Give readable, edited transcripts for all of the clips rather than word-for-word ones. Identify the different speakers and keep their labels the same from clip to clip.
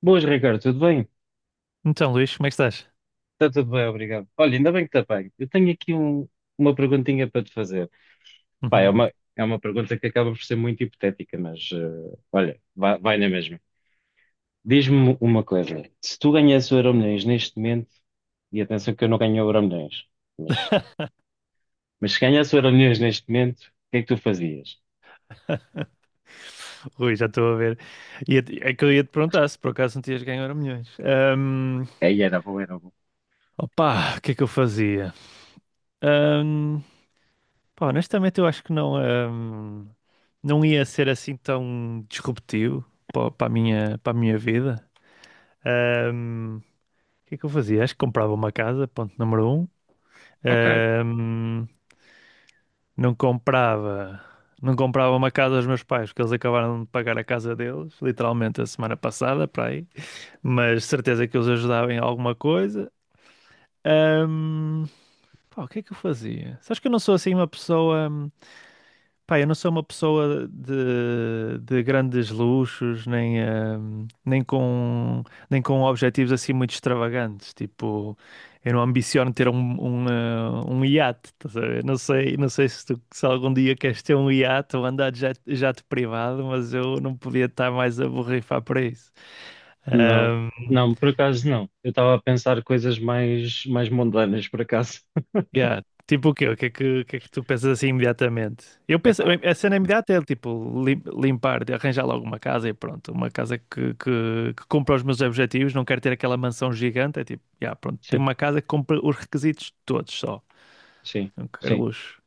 Speaker 1: Boas, Ricardo, tudo bem?
Speaker 2: Então, Luís, como é que estás?
Speaker 1: Está tudo bem, obrigado. Olha, ainda bem que está bem. Eu tenho aqui um- Uma perguntinha para te fazer. Pá, é
Speaker 2: Uhum.
Speaker 1: uma, é uma pergunta que acaba por ser muito hipotética, mas olha, vai na mesma. Diz-me uma coisa: se tu ganhasses o Euromilhões neste momento, e atenção que eu não ganho o Euromilhões, mas, mas se ganhasse o Euromilhões neste momento, o que é que tu fazias?
Speaker 2: Rui, já estou a ver. É que eu ia te perguntar se por acaso não tinhas ganho Euro milhões.
Speaker 1: Aí era bom, era bom.
Speaker 2: Opa, o que é que eu fazia? Ahm, pá, honestamente, eu acho que não ia ser assim tão disruptivo para a minha, para a minha vida. Ahm, o que é que eu fazia? Acho que comprava uma casa, ponto número um.
Speaker 1: Ok.
Speaker 2: Ahm, não comprava, não comprava uma casa aos meus pais, porque eles acabaram de pagar a casa deles, literalmente a semana passada, para aí. Mas certeza que os ajudava em alguma coisa. Ahm, pá, o que é que eu fazia? Sabes que eu não sou assim uma pessoa. Pá, eu não sou uma pessoa de grandes luxos, nem, nem com objetivos assim muito extravagantes. Tipo, eu não ambiciono ter um iate, estás a ver? Não sei se, se algum dia queres ter um iate ou andar de jato privado, mas eu não podia estar mais a borrifar para isso.
Speaker 1: Não,
Speaker 2: Hum,
Speaker 1: não, por acaso não. Eu estava a pensar coisas mais mundanas, por acaso.
Speaker 2: yeah. Tipo o quê? O que é que tu pensas assim imediatamente? Eu penso,
Speaker 1: Epá,
Speaker 2: a cena imediata é tipo limpar, de arranjar logo uma casa e pronto, uma casa que cumpra os meus objetivos, não quero ter aquela mansão gigante, é tipo, yeah, pronto, tenho
Speaker 1: sim,
Speaker 2: uma casa que cumpre os requisitos todos só,
Speaker 1: sim.
Speaker 2: não quero
Speaker 1: sim.
Speaker 2: luxo.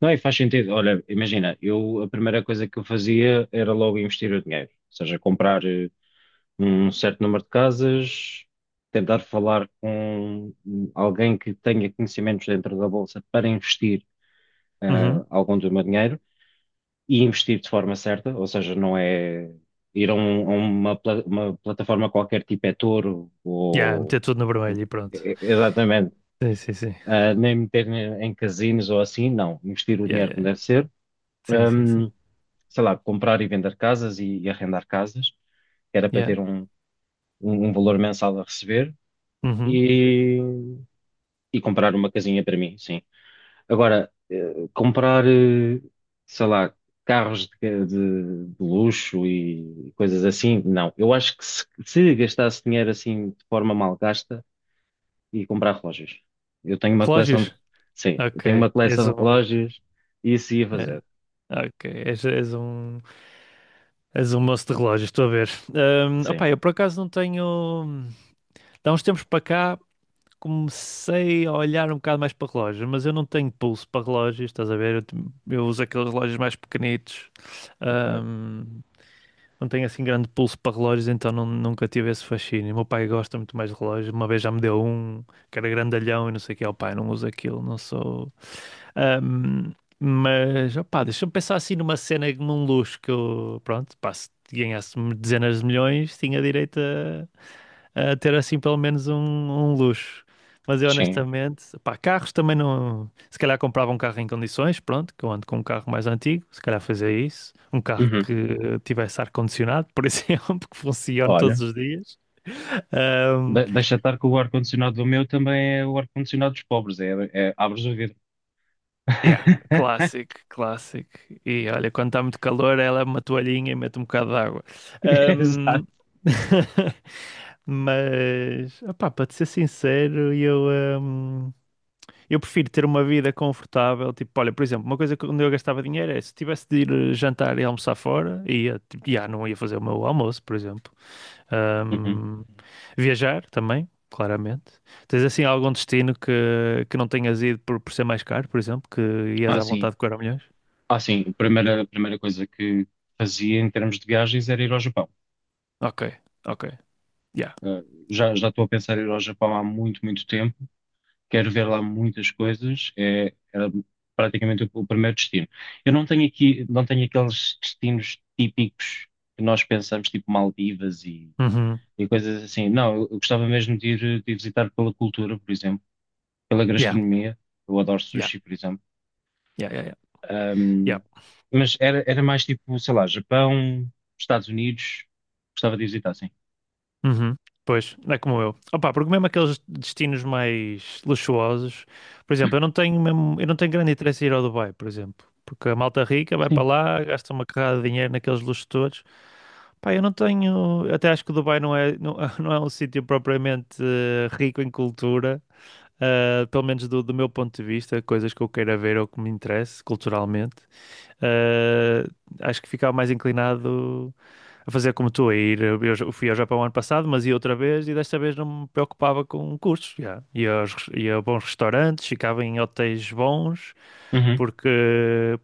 Speaker 1: Não, e faz sentido. Olha, imagina, eu a primeira coisa que eu fazia era logo investir o dinheiro, ou seja, comprar um certo número de casas, tentar falar com alguém que tenha conhecimentos dentro da bolsa para investir
Speaker 2: Uhum.
Speaker 1: algum do meu dinheiro e investir de forma certa, ou seja, não é ir a uma plataforma qualquer tipo é Toro
Speaker 2: Yeah,
Speaker 1: ou
Speaker 2: meter tudo no vermelho e pronto.
Speaker 1: exatamente,
Speaker 2: Sim, sim, sim.
Speaker 1: ah, nem meter em casinos ou assim, não, investir o
Speaker 2: Yeah,
Speaker 1: dinheiro como
Speaker 2: yeah.
Speaker 1: deve ser,
Speaker 2: Sim, sim, sim.
Speaker 1: sei lá, comprar e vender casas e arrendar casas, que era para
Speaker 2: Yeah.
Speaker 1: ter um valor mensal a receber
Speaker 2: Uhum.
Speaker 1: e, e comprar uma casinha para mim, sim. Agora, comprar, sei lá, carros de luxo e coisas assim, não. Eu acho que se gastasse dinheiro assim de forma mal gasta, ia comprar relógios. Eu tenho uma
Speaker 2: Relógios?
Speaker 1: sim, eu tenho
Speaker 2: Ok.
Speaker 1: uma
Speaker 2: És
Speaker 1: coleção de
Speaker 2: um.
Speaker 1: relógios e isso ia
Speaker 2: Yeah.
Speaker 1: fazer,
Speaker 2: Ok. És um. És um moço de relógios, estou a ver.
Speaker 1: sim.
Speaker 2: Opá, eu por acaso não tenho. Há uns tempos para cá comecei a olhar um bocado mais para relógios, mas eu não tenho pulso para relógios, estás a ver? Eu uso aqueles relógios mais pequenitos.
Speaker 1: Ok.
Speaker 2: Não tenho assim grande pulso para relógios, então nunca tive esse fascínio. O meu pai gosta muito mais de relógios. Uma vez já me deu um que era grandalhão e não sei o que. O pai não usa aquilo, não sou. Ahm, mas, opá, deixa-me pensar assim numa cena, num luxo que eu, pronto, pá, se ganhasse dezenas de milhões, tinha direito a ter assim pelo menos um luxo. Mas eu
Speaker 1: Sim.
Speaker 2: honestamente, pá, carros também não. Se calhar comprava um carro em condições, pronto, que eu ando com um carro mais antigo, se calhar fazia isso. Um carro
Speaker 1: Uhum.
Speaker 2: que tivesse ar-condicionado, por exemplo, que funcione todos
Speaker 1: Olha.
Speaker 2: os dias. Ahm,
Speaker 1: Deixa estar que o ar-condicionado do meu também é o ar-condicionado dos pobres, é, é abres o vidro.
Speaker 2: yeah, clássico, clássico. E olha, quando está muito calor, ela é uma toalhinha e mete um bocado de água.
Speaker 1: Exato.
Speaker 2: Ahm, Mas, opá, para te ser sincero, eu. Eu prefiro ter uma vida confortável, tipo, olha, por exemplo, uma coisa que onde eu gastava dinheiro é se tivesse de ir jantar e almoçar fora, ia, tipo, já não ia fazer o meu almoço, por exemplo.
Speaker 1: Uhum.
Speaker 2: Ahm, viajar também, claramente. Tens assim algum destino que não tenhas ido por ser mais caro, por exemplo, que ias
Speaker 1: Ah,
Speaker 2: à
Speaker 1: sim.
Speaker 2: vontade com Euromilhões?
Speaker 1: Ah, sim. A primeira coisa que fazia em termos de viagens era ir ao Japão.
Speaker 2: Ok, ok, yeah.
Speaker 1: Ah, já estou a pensar em ir ao Japão há muito, muito tempo. Quero ver lá muitas coisas. É, era praticamente o primeiro destino. Eu não tenho aqui, não tenho aqueles destinos típicos que nós pensamos, tipo Maldivas
Speaker 2: Uhum.
Speaker 1: e coisas assim. Não, eu gostava mesmo de de ir visitar pela cultura, por exemplo pela
Speaker 2: Yeah,
Speaker 1: gastronomia. Eu adoro
Speaker 2: yeah,
Speaker 1: sushi, por exemplo.
Speaker 2: yeah, yeah, yeah. Yeah.
Speaker 1: Ahm, mas era, era mais tipo, sei lá, Japão, Estados Unidos. Gostava de visitar, sim.
Speaker 2: Uhum. Pois, é como eu. Opa, porque mesmo aqueles destinos mais luxuosos, por exemplo, eu não tenho mesmo, eu não tenho grande interesse em ir ao Dubai, por exemplo, porque a malta rica vai para
Speaker 1: Sim.
Speaker 2: lá, gasta uma carrada de dinheiro naqueles luxos todos. Pá, eu não tenho, até acho que o Dubai não é, não, não é um sítio propriamente rico em cultura, pelo menos do meu ponto de vista, coisas que eu queira ver ou que me interesse culturalmente. Uh, Acho que ficava mais inclinado a fazer como tu, a ir. Eu fui ao Japão ano passado, mas ia outra vez e desta vez não me preocupava com custos. Já. Ia a bons restaurantes, ficava em hotéis bons,
Speaker 1: Uhum.
Speaker 2: porque,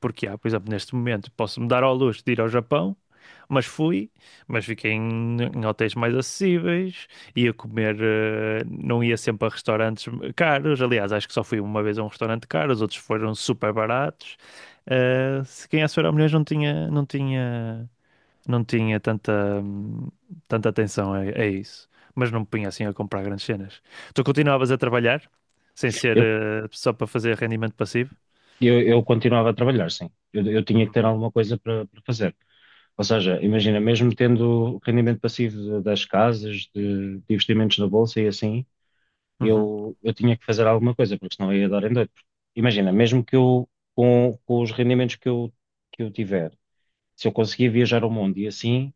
Speaker 2: porque, já, por exemplo, neste momento posso-me dar ao luxo de ir ao Japão mas fui, mas fiquei em hotéis mais acessíveis, ia comer, não ia sempre a restaurantes caros. Aliás, acho que só fui uma vez a um restaurante caro, os outros foram super baratos. Se quem é era milhões não tinha tanta, tanta atenção a isso. Mas não me punha assim a comprar grandes cenas. Tu continuavas a trabalhar, sem ser,
Speaker 1: Eu,
Speaker 2: só para fazer rendimento passivo?
Speaker 1: eu continuava a trabalhar, sim. Eu tinha que
Speaker 2: Uhum.
Speaker 1: ter alguma coisa para para fazer. Ou seja, imagina, mesmo tendo rendimento passivo das casas, de investimentos na bolsa e assim,
Speaker 2: Uhum.
Speaker 1: eu tinha que fazer alguma coisa, porque senão eu ia dar em doido. Imagina, mesmo que eu, com os rendimentos que eu tiver, se eu conseguir viajar ao mundo e assim,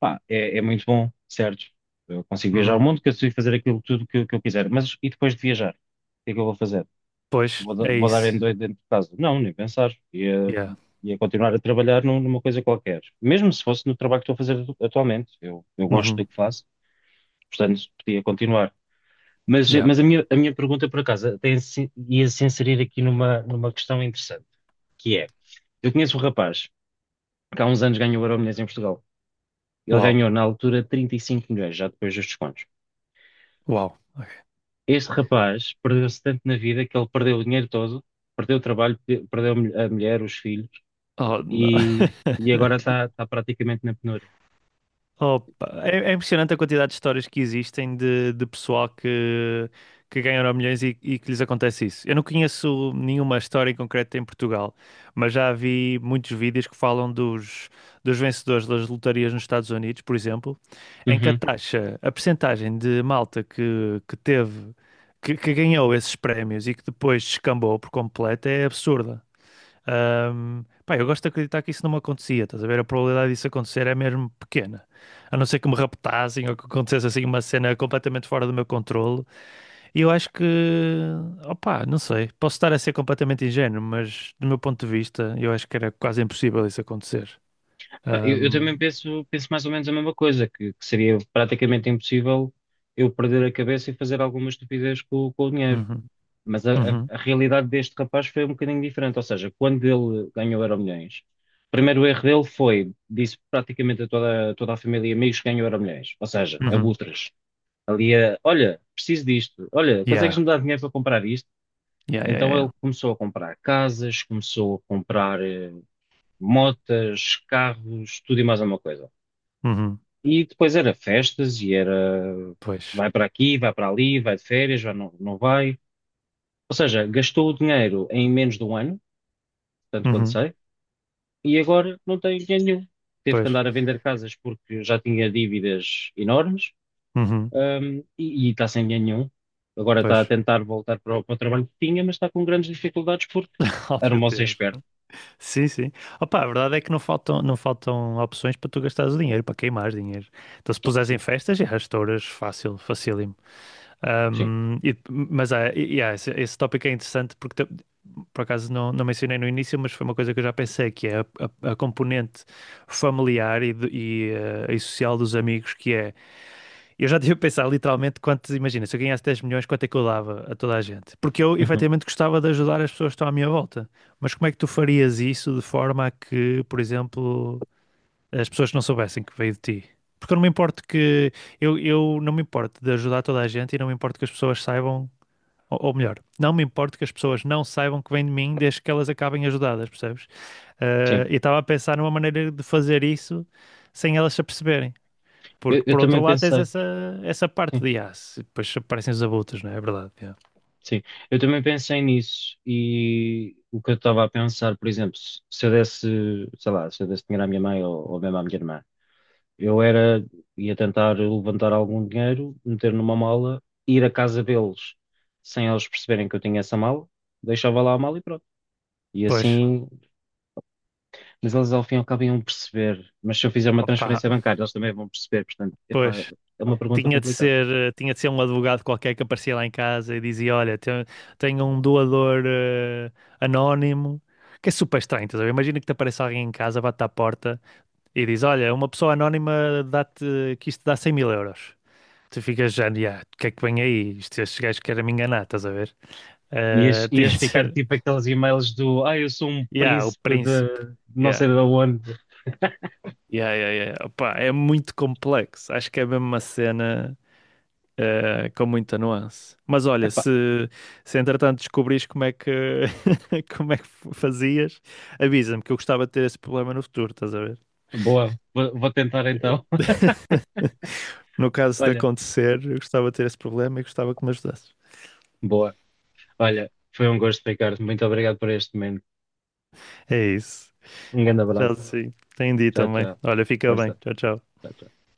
Speaker 1: pá, é, é muito bom, certo? Eu consigo viajar ao
Speaker 2: Uhum.
Speaker 1: mundo, consigo fazer aquilo tudo que eu quiser. Mas e depois de viajar? O que é que eu vou fazer?
Speaker 2: Pois, é
Speaker 1: Vou dar em
Speaker 2: isso.
Speaker 1: doido dentro de casa? Não, nem pensar. Ia,
Speaker 2: Yeah.
Speaker 1: ia continuar a trabalhar numa coisa qualquer. Mesmo se fosse no trabalho que estou a fazer atualmente. Eu gosto do
Speaker 2: Uhum.
Speaker 1: que faço, portanto, podia continuar.
Speaker 2: Yeah.
Speaker 1: Mas a minha pergunta, por acaso, tem, ia-se inserir aqui numa, numa questão interessante, que é, eu conheço um rapaz que há uns anos ganhou o Euromilhões em Portugal. Ele
Speaker 2: Uau.
Speaker 1: ganhou, na altura, 35 milhões, já depois dos descontos.
Speaker 2: Uau. Ok.
Speaker 1: Este rapaz perdeu-se tanto na vida que ele perdeu o dinheiro todo, perdeu o trabalho, perdeu a a mulher, os filhos
Speaker 2: Oh, não.
Speaker 1: e, e agora está praticamente na penúria.
Speaker 2: Opa, é impressionante a quantidade de histórias que existem de pessoal que ganha Euromilhões e que lhes acontece isso. Eu não conheço nenhuma história em concreto em Portugal, mas já vi muitos vídeos que falam dos vencedores das lotarias nos Estados Unidos, por exemplo, em que a
Speaker 1: Uhum.
Speaker 2: taxa, a percentagem de malta que teve, que ganhou esses prémios e que depois descambou por completo é absurda. Pá, eu gosto de acreditar que isso não me acontecia, estás a ver? A probabilidade disso acontecer é mesmo pequena. A não ser que me raptassem ou que acontecesse assim uma cena completamente fora do meu controle. E eu acho que, opá, não sei, posso estar a ser completamente ingênuo, mas do meu ponto de vista, eu acho que era quase impossível isso acontecer.
Speaker 1: Pá, eu também
Speaker 2: Ahm,
Speaker 1: penso, penso mais ou menos a mesma coisa, que seria praticamente impossível eu perder a cabeça e fazer alguma estupidez com o dinheiro.
Speaker 2: uhum,
Speaker 1: Mas
Speaker 2: uhum,
Speaker 1: a realidade deste rapaz foi um bocadinho diferente. Ou seja, quando ele ganhou o Euromilhões, o primeiro erro dele foi, disse praticamente a toda, toda a família e amigos que ganhou Euromilhões. Ou seja,
Speaker 2: uhum.
Speaker 1: abutres. Ali a, olha, preciso disto, olha,
Speaker 2: Yeah,
Speaker 1: consegues-me dar dinheiro para comprar isto?
Speaker 2: yeah, yeah, yeah.
Speaker 1: Então ele
Speaker 2: Yeah.
Speaker 1: começou a comprar casas, começou a comprar motas, carros, tudo e mais alguma coisa.
Speaker 2: Uhum,
Speaker 1: E depois era festas e era
Speaker 2: pois,
Speaker 1: vai para aqui, vai para ali, vai de férias, vai, não, não vai. Ou seja, gastou o dinheiro em menos de um ano, tanto quanto
Speaker 2: uhum,
Speaker 1: sei, e agora não tem dinheiro nenhum. Teve que
Speaker 2: pois,
Speaker 1: andar a vender casas porque já tinha dívidas enormes.
Speaker 2: uhum,
Speaker 1: Um, e está sem dinheiro nenhum. Agora está a
Speaker 2: pois.
Speaker 1: tentar voltar para para o trabalho que tinha, mas está com grandes dificuldades porque
Speaker 2: Oh,
Speaker 1: era um
Speaker 2: meu
Speaker 1: moço
Speaker 2: Deus.
Speaker 1: esperto.
Speaker 2: Sim, sim. Opa, a verdade é que não faltam opções para tu gastares o dinheiro, para queimares dinheiro. Então, se
Speaker 1: Oh,
Speaker 2: puseres em
Speaker 1: sim,
Speaker 2: festas, já estouras fácil, facílimo.
Speaker 1: sim,
Speaker 2: Esse tópico é interessante porque, por acaso, não, não mencionei no início, mas foi uma coisa que eu já pensei, que é a componente familiar e social dos amigos, que é eu já tive a pensar literalmente quanto, imagina, se eu ganhasse 10 milhões, quanto é que eu dava a toda a gente? Porque eu
Speaker 1: uhum,
Speaker 2: efetivamente gostava de ajudar as pessoas que estão à minha volta. Mas como é que tu farias isso de forma a que, por exemplo, as pessoas não soubessem que veio de ti? Porque eu não me importo eu não me importo de ajudar toda a gente e não me importo que as pessoas saibam, ou melhor, não me importo que as pessoas não saibam que vem de mim desde que elas acabem ajudadas, percebes?
Speaker 1: sim.
Speaker 2: E estava a pensar numa maneira de fazer isso sem elas se aperceberem.
Speaker 1: Eu,
Speaker 2: Porque
Speaker 1: eu
Speaker 2: por outro
Speaker 1: também
Speaker 2: lado tens
Speaker 1: pensei,
Speaker 2: essa, parte
Speaker 1: sim,
Speaker 2: de aço, e depois aparecem os abutres, não é? É verdade. É.
Speaker 1: sim. Eu também pensei nisso e o que eu estava a pensar, por exemplo, se eu desse, sei lá, se eu desse dinheiro à minha mãe ou mesmo à minha irmã, eu era, ia tentar levantar algum dinheiro, meter numa mala, ir à casa deles sem eles perceberem que eu tinha essa mala, deixava lá a mala e pronto. E
Speaker 2: Pois,
Speaker 1: assim mas eles ao fim e ao cabo iam perceber. Mas se eu fizer uma
Speaker 2: opa,
Speaker 1: transferência bancária, eles também vão perceber. Portanto, epá,
Speaker 2: pois.
Speaker 1: é uma pergunta
Speaker 2: Tinha de
Speaker 1: complicada.
Speaker 2: ser, eh, tinha de ser um advogado qualquer que aparecia lá em casa e dizia: Olha, tenho, tenho um doador anónimo, que é super estranho, estás a ver? Imagina que te apareça alguém em casa, bate à porta e diz: Olha, uma pessoa anónima dá-te, que isto dá 100 mil euros. Tu ficas já, "Ya, o que é que vem aí? Isto, estes gajos querem me enganar, estás a ver?
Speaker 1: Ias,
Speaker 2: Tinha
Speaker 1: ias
Speaker 2: de
Speaker 1: ficar
Speaker 2: ser,
Speaker 1: tipo aqueles e-mails do: Ah, eu sou um
Speaker 2: yeah, o
Speaker 1: príncipe
Speaker 2: príncipe.
Speaker 1: de não
Speaker 2: Ya."
Speaker 1: sei de onde.
Speaker 2: Yeah, yeah, yeah. Opá, é muito complexo. Acho que é mesmo uma cena com muita nuance. Mas olha,
Speaker 1: Epá,
Speaker 2: se entretanto descobrires como é que como é que fazias, avisa-me que eu gostava de ter esse problema no futuro, estás a ver?
Speaker 1: boa, vou tentar então.
Speaker 2: No caso de
Speaker 1: Olha,
Speaker 2: acontecer, eu gostava de ter esse problema e gostava que me ajudasses.
Speaker 1: boa. Olha, foi um gosto, Ricardo. Muito obrigado por este momento.
Speaker 2: É isso.
Speaker 1: Um grande
Speaker 2: Já
Speaker 1: abraço.
Speaker 2: sim. Entendi
Speaker 1: Tchau,
Speaker 2: também.
Speaker 1: tchau.
Speaker 2: Olha, fica bem.
Speaker 1: Força.
Speaker 2: Tchau, tchau.
Speaker 1: Tchau, tchau.